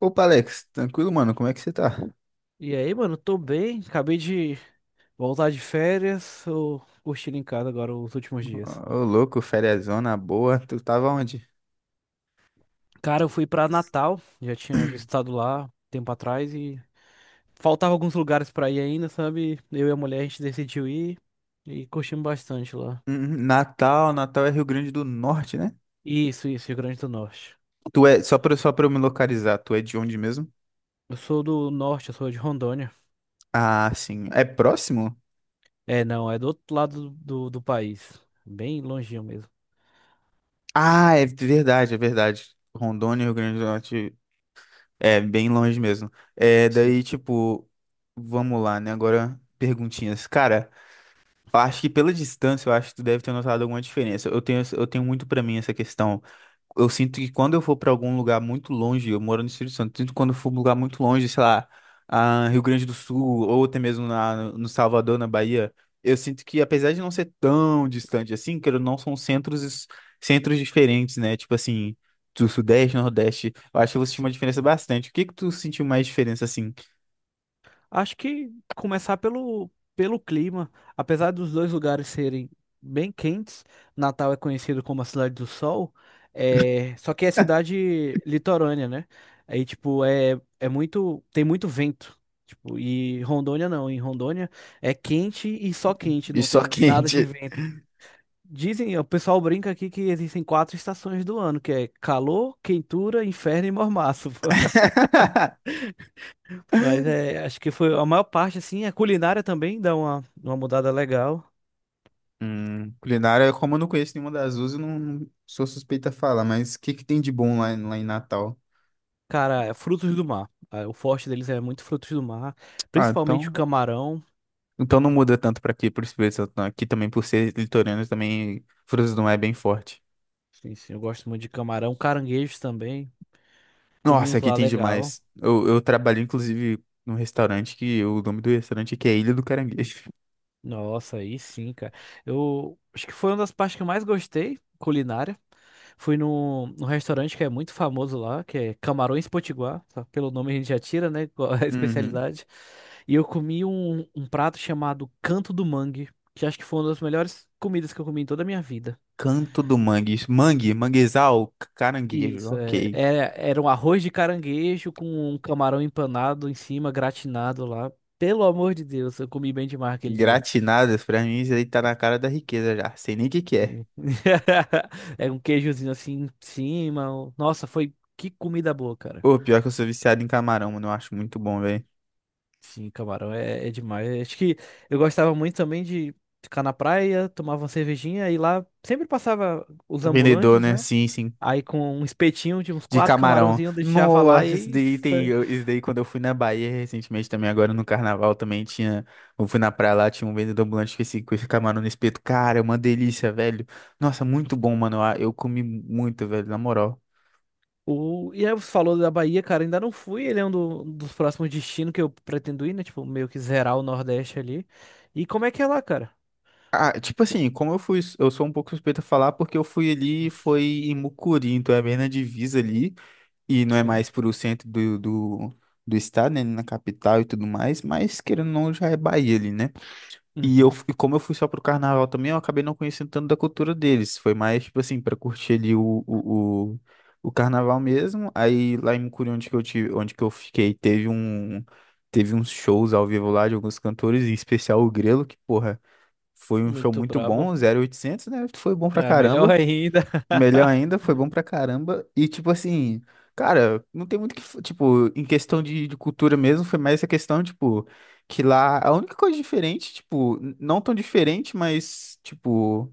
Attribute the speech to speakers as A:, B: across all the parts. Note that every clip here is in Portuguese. A: Opa, Alex, tranquilo, mano? Como é que você tá?
B: E aí, mano, tô bem. Acabei de voltar de férias. Tô curtindo em casa agora os últimos dias.
A: Ô, louco, feriazona boa. Tu tava onde?
B: Cara, eu fui pra Natal, já tinha visitado lá tempo atrás e faltava alguns lugares pra ir ainda, sabe? Eu e a mulher, a gente decidiu ir e curtimos bastante lá.
A: Natal, Natal é Rio Grande do Norte, né?
B: Isso, Rio Grande do Norte.
A: Só pra eu me localizar, tu é de onde mesmo?
B: Eu sou do norte, eu sou de Rondônia.
A: Ah, sim. É próximo?
B: É, não, é do outro lado do país, bem longinho mesmo.
A: Ah, é verdade, é verdade. Rondônia, Rio Grande do Norte, é bem longe mesmo. É,
B: Sim,
A: daí, tipo, vamos lá, né? Agora, perguntinhas. Cara, eu acho que pela distância, eu acho que tu deve ter notado alguma diferença. Eu tenho muito pra mim essa questão. Eu sinto que quando eu for pra algum lugar muito longe, eu moro no Espírito Santo, sinto que quando eu for pra um lugar muito longe, sei lá, a Rio Grande do Sul, ou até mesmo no Salvador, na Bahia, eu sinto que apesar de não ser tão distante assim, que não são centros, centros diferentes, né? Tipo assim, do Sudeste, Nordeste, eu acho que eu vou sentir
B: sim.
A: uma diferença bastante. O que que tu sentiu mais diferença assim?
B: Acho que começar pelo clima, apesar dos dois lugares serem bem quentes. Natal é conhecido como a cidade do sol, é, só que é cidade litorânea, né? Aí, tipo, é muito, tem muito vento, tipo, e Rondônia não, em Rondônia é quente e só quente,
A: E
B: não
A: só
B: tem nada de
A: quente.
B: vento. Dizem, o pessoal brinca aqui que existem quatro estações do ano, que é calor, quentura, inferno e mormaço. Mas é, acho que foi a maior parte, assim. A culinária também dá uma mudada legal.
A: Culinária, como eu não conheço nenhuma das duas, eu não sou suspeita a falar, mas o que que tem de bom lá, lá em Natal?
B: Cara, é frutos do mar. Ah, o forte deles é muito frutos do mar,
A: Ah,
B: principalmente o
A: então,
B: camarão.
A: então não muda tanto pra aqui, por isso mesmo, aqui também por ser litorâneo também frutas do mar é bem forte.
B: Sim, sim, eu gosto muito de camarão, caranguejos também. Comi
A: Nossa,
B: uns
A: aqui
B: lá
A: tem
B: legal.
A: demais. Eu trabalhei inclusive num restaurante que o nome do restaurante aqui é Ilha do Caranguejo.
B: Nossa, aí sim, cara. Eu acho que foi uma das partes que eu mais gostei, culinária. Fui num restaurante que é muito famoso lá, que é Camarões Potiguar. Só pelo nome a gente já tira, né? Qual é a
A: Uhum.
B: especialidade. E eu comi um prato chamado Canto do Mangue, que acho que foi uma das melhores comidas que eu comi em toda a minha vida.
A: Canto do Mangue, mangue, manguezal, caranguejo,
B: Isso, é,
A: ok.
B: era um arroz de caranguejo com um camarão empanado em cima, gratinado lá. Pelo amor de Deus, eu comi bem demais aquele dia.
A: Gratinadas, pra mim isso aí tá na cara da riqueza já, sei nem o que que é.
B: É um queijozinho assim em cima. Nossa, foi que comida boa, cara.
A: Pô, pior que eu sou viciado em camarão, mano. Eu acho muito bom, velho.
B: Sim, camarão é demais. Acho que eu gostava muito também de ficar na praia, tomava uma cervejinha e lá sempre passava os
A: Vendedor,
B: ambulantes,
A: né?
B: né?
A: Sim, sim.
B: Aí com um espetinho de uns
A: De
B: quatro
A: camarão.
B: camarãozinhos eu deixava lá
A: Nossa, isso
B: e
A: daí
B: isso,
A: tem.
B: né?
A: Isso daí quando eu fui na Bahia recentemente também, agora no carnaval também tinha. Eu fui na praia lá, tinha um vendedor ambulante com esse camarão no espeto. Cara, é uma delícia, velho. Nossa, muito bom, mano. Eu comi muito, velho, na moral.
B: o e aí você falou da Bahia, cara, ainda não fui, ele é um dos próximos destinos que eu pretendo ir, né? Tipo, meio que zerar o Nordeste ali. E como é que é lá, cara?
A: Ah, tipo assim, como eu fui. Eu sou um pouco suspeito a falar porque eu fui ali, foi em Mucuri, então é bem na divisa ali. E não é
B: Sim.
A: mais pro centro do estado, né, na capital e tudo mais, mas querendo ou não, já é Bahia ali, né? E eu,
B: Uhum.
A: fu- e como eu fui só pro carnaval também, eu acabei não conhecendo tanto da cultura deles. Foi mais, tipo assim, pra curtir ali o carnaval mesmo. Aí lá em Mucuri, onde que eu tive, onde que eu fiquei, teve uns shows ao vivo lá de alguns cantores, em especial o Grelo, que, porra, foi um show
B: Muito
A: muito
B: brabo.
A: bom, 0800, né? Foi bom pra
B: É, melhor
A: caramba.
B: ainda.
A: Melhor ainda, foi bom pra caramba. E, tipo assim, cara, não tem muito que. Tipo, em questão de cultura mesmo, foi mais essa questão, tipo, que lá a única coisa diferente, tipo, não tão diferente, mas, tipo.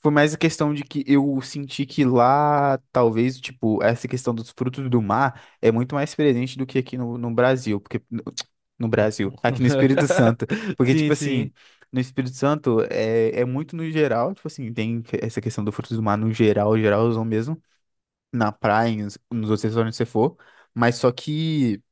A: Foi mais a questão de que eu senti que lá, talvez, tipo, essa questão dos frutos do mar é muito mais presente do que aqui no Brasil, porque no, no Brasil, aqui no Espírito Santo, porque,
B: Sim,
A: tipo assim,
B: sim.
A: no Espírito Santo é muito no geral, tipo assim, tem essa questão do frutos do mar no geral, geralzão mesmo, na praia, nos outros restaurantes que você for, mas só que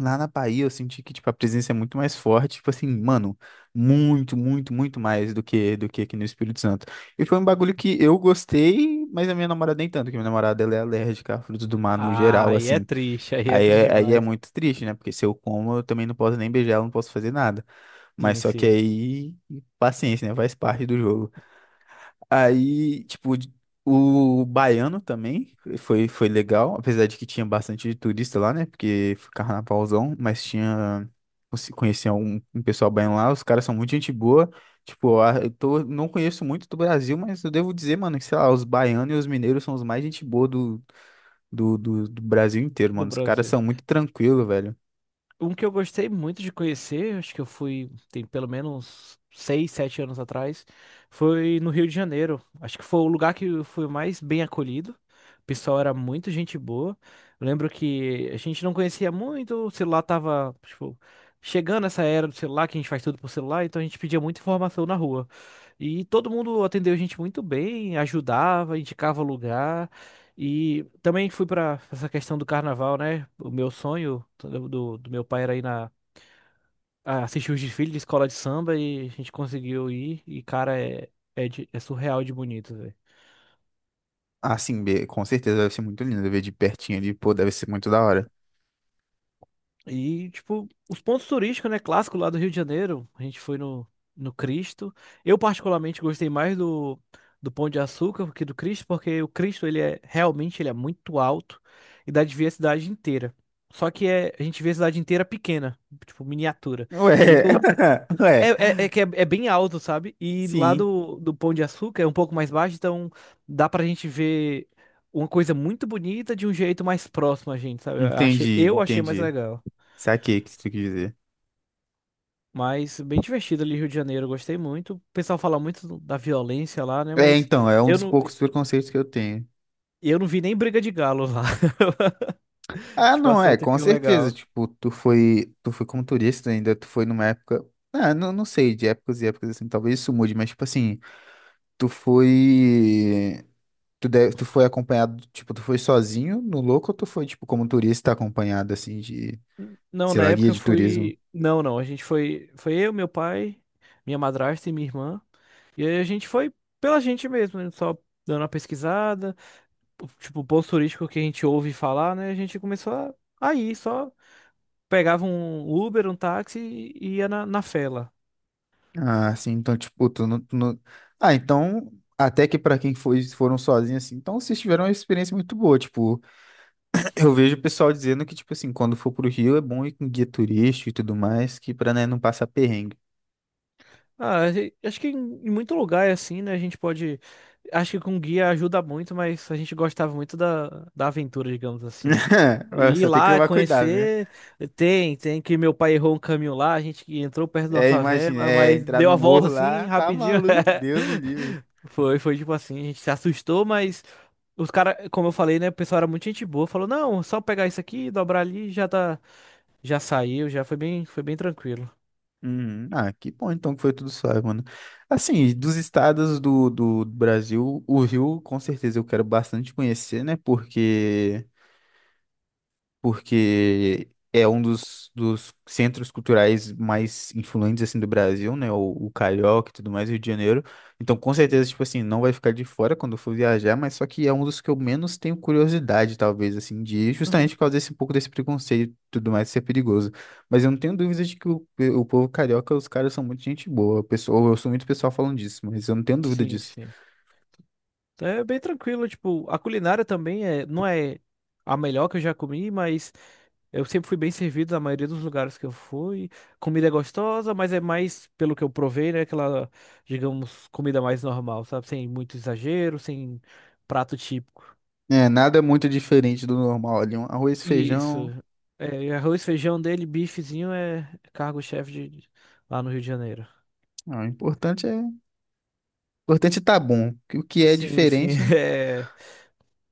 A: lá na Bahia, eu senti que, tipo, a presença é muito mais forte, tipo assim, mano, muito, muito, muito mais do que aqui no Espírito Santo. E foi um bagulho que eu gostei, mas a minha namorada nem tanto, que minha namorada, ela é alérgica a frutos do mar no
B: Ah,
A: geral, assim.
B: aí é
A: Aí
B: triste
A: é, aí é
B: demais.
A: muito triste, né? Porque se eu como, eu também não posso nem beijar ela, não posso fazer nada. Mas
B: Sim,
A: só que
B: sim.
A: aí, paciência, né? Faz parte do jogo. Aí, tipo, o baiano também foi legal, apesar de que tinha bastante turista lá, né? Porque foi carnavalzão, mas tinha. Conheci um, pessoal baiano lá, os caras são muito gente boa. Tipo, eu tô, não conheço muito do Brasil, mas eu devo dizer, mano, que sei lá, os baianos e os mineiros são os mais gente boa do Brasil inteiro,
B: Do
A: mano. Os caras
B: Brasil.
A: são muito tranquilos, velho.
B: Um que eu gostei muito de conhecer, acho que eu fui, tem pelo menos seis, sete anos atrás, foi no Rio de Janeiro. Acho que foi o lugar que eu fui mais bem acolhido. O pessoal era muito gente boa. Eu lembro que a gente não conhecia muito, o celular tava, tipo, chegando essa era do celular, que a gente faz tudo por celular, então a gente pedia muita informação na rua. E todo mundo atendeu a gente muito bem, ajudava, indicava lugar. E também fui pra essa questão do carnaval, né? O meu sonho do meu pai era ir na, a assistir os desfiles de escola de samba e a gente conseguiu ir. E, cara, é surreal de bonito, velho.
A: Ah, sim, com certeza deve ser muito lindo ver de pertinho ali, pô, deve ser muito da hora.
B: E, tipo, os pontos turísticos, né? Clássico lá do Rio de Janeiro. A gente foi no Cristo. Eu, particularmente, gostei mais do, do Pão de Açúcar que do Cristo, porque o Cristo, ele é realmente, ele é muito alto e dá de ver a cidade inteira. Só que é, a gente vê a cidade inteira pequena, tipo, miniatura.
A: Ué,
B: E do,
A: ué,
B: É, é que é, é bem alto, sabe? E lá
A: sim.
B: do Pão de Açúcar é um pouco mais baixo, então dá pra gente ver uma coisa muito bonita de um jeito mais próximo a gente, sabe?
A: Entendi,
B: Eu achei mais
A: entendi.
B: legal.
A: Saquei o que você quis dizer.
B: Mas bem divertido ali, Rio de Janeiro, eu gostei muito. O pessoal fala muito da violência lá, né?
A: É,
B: Mas
A: então, é um
B: eu
A: dos
B: não,
A: poucos preconceitos que eu tenho.
B: eu não vi nem briga de galo lá. A
A: Ah,
B: gente
A: não,
B: passou
A: é,
B: um
A: com
B: tempinho
A: certeza.
B: legal.
A: Tipo, tu foi como turista ainda, tu foi numa época. Ah, não, não sei, de épocas e épocas assim, talvez isso mude, mas tipo assim, tu foi. Tu foi acompanhado, tipo, tu foi sozinho no louco ou tu foi, tipo, como turista acompanhado, assim, de,
B: Não,
A: sei
B: na
A: lá, guia
B: época eu
A: de turismo?
B: fui. Não, não, a gente foi. Foi eu, meu pai, minha madrasta e minha irmã. E aí a gente foi pela gente mesmo, né? Só dando uma pesquisada, tipo, ponto turístico que a gente ouve falar, né? A gente começou a ir, só pegava um Uber, um táxi e ia na, na fela.
A: Ah, sim, então, tipo. Tu não- Ah, então, até que pra quem foi, foram sozinhos, assim, então vocês tiveram uma experiência muito boa, tipo, eu vejo o pessoal dizendo que, tipo assim, quando for pro Rio é bom ir com guia turístico e tudo mais, que pra, né, não passar perrengue.
B: Ah, acho que em muito lugar é assim, né? A gente pode. Acho que com guia ajuda muito, mas a gente gostava muito da, da aventura, digamos assim.
A: Mas
B: E ir
A: só tem que
B: lá,
A: tomar cuidado, né?
B: conhecer. Tem, tem que meu pai errou um caminho lá, a gente que entrou perto de uma
A: É, imagina,
B: favela,
A: é,
B: mas
A: entrar
B: deu
A: no
B: a volta
A: morro
B: assim,
A: lá, tá
B: rapidinho.
A: maluco, Deus me livre.
B: Foi tipo assim, a gente se assustou, mas os caras, como eu falei, né? O pessoal era muito gente boa, falou: não, só pegar isso aqui, dobrar ali, já tá. Já saiu, foi bem tranquilo.
A: Uhum. Ah, que bom então que foi tudo suave, mano. Assim, dos estados do Brasil, o Rio, com certeza eu quero bastante conhecer, né, porque é um dos centros culturais mais influentes assim do Brasil, né? O Carioca e tudo mais, Rio de Janeiro. Então, com
B: Sim.
A: certeza, tipo assim, não vai ficar de fora quando eu for viajar, mas só que é um dos que eu menos tenho curiosidade, talvez, assim, de ir,
B: Uhum.
A: justamente por causa desse um pouco desse preconceito e tudo mais ser perigoso. Mas eu não tenho dúvida de que o povo carioca, os caras são muito gente boa. O pessoal, eu sou muito pessoal falando disso, mas eu não tenho dúvida
B: Sim,
A: disso.
B: sim. Então, é bem tranquilo, tipo, a culinária também é, não é a melhor que eu já comi, mas eu sempre fui bem servido na maioria dos lugares que eu fui. Comida é gostosa, mas é mais, pelo que eu provei, né, aquela, digamos, comida mais normal, sabe? Sem muito exagero, sem prato típico.
A: É, nada muito diferente do normal ali, um arroz,
B: Isso.
A: feijão.
B: É, e arroz, feijão dele, bifezinho é cargo-chefe de- lá no Rio de Janeiro.
A: Ah, o importante é importante, tá bom. O que é
B: Sim, sim,
A: diferente,
B: é.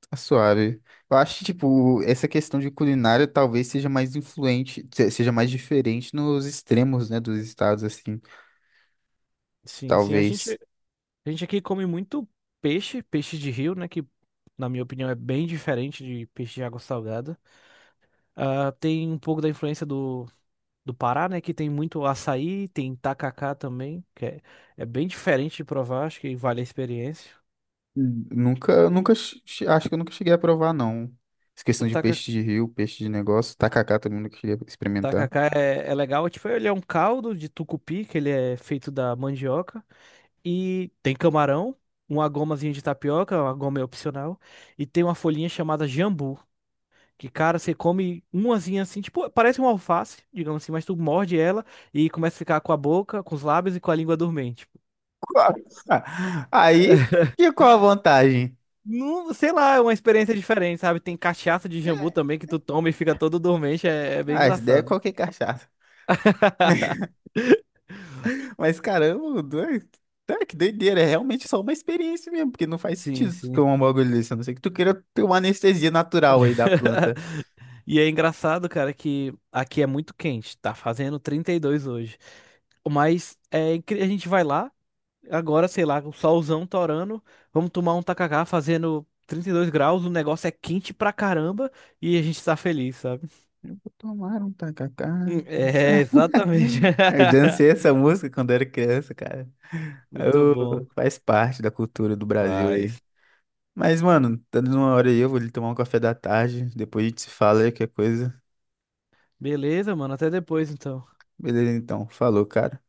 A: tá suave. Eu acho que, tipo, essa questão de culinária talvez seja mais influente, seja mais diferente nos extremos, né, dos estados, assim.
B: Sim, sim, a gente.
A: Talvez.
B: A gente aqui come muito peixe, peixe de rio, né? Que, na minha opinião, é bem diferente de peixe de água salgada. Ah, tem um pouco da influência do Pará, né? Que tem muito açaí, tem tacacá também, que é, é bem diferente de provar, acho que vale a experiência.
A: Nunca, nunca, acho que eu nunca cheguei a provar, não. Essa
B: O
A: questão de
B: taca,
A: peixe de rio, peixe de negócio, tacacá também nunca cheguei a experimentar.
B: tacacá é legal, é tipo, ele é um caldo de tucupi, que ele é feito da mandioca, e tem camarão, uma gomazinha de tapioca, uma goma é opcional, e tem uma folhinha chamada jambu. Que, cara, você come umazinha assim, tipo, parece uma alface, digamos assim, mas tu morde ela e começa a ficar com a boca, com os lábios e com a língua dormente.
A: Qual- Aí, que qual a vantagem?
B: Não, sei lá, é uma experiência diferente, sabe? Tem cachaça de jambu
A: É.
B: também que tu toma e fica todo dormente, é, é bem
A: Ah, essa ideia é
B: engraçado.
A: qualquer cachaça. Mas caramba, doido. Cara, que doideira, é realmente só uma experiência mesmo, porque não faz
B: Sim,
A: sentido tu
B: sim.
A: tomar um bagulho desse, a não ser que tu queira ter uma anestesia natural aí da planta.
B: E é engraçado, cara, que aqui é muito quente, tá fazendo 32 hoje. A gente vai lá. Agora, sei lá, o solzão torando, vamos tomar um tacacá fazendo 32 graus, o negócio é quente pra caramba e a gente tá feliz, sabe?
A: Eu vou tomar um tacacá.
B: É, exatamente.
A: Eu dancei essa música quando era criança, cara.
B: Muito
A: Eu-
B: bom.
A: faz parte da cultura do Brasil aí.
B: Faz.
A: Mas, mano, tá dando uma hora aí, eu vou ali tomar um café da tarde, depois a gente se fala aí, qualquer coisa.
B: Beleza, mano, até depois então.
A: Beleza, então. Falou, cara.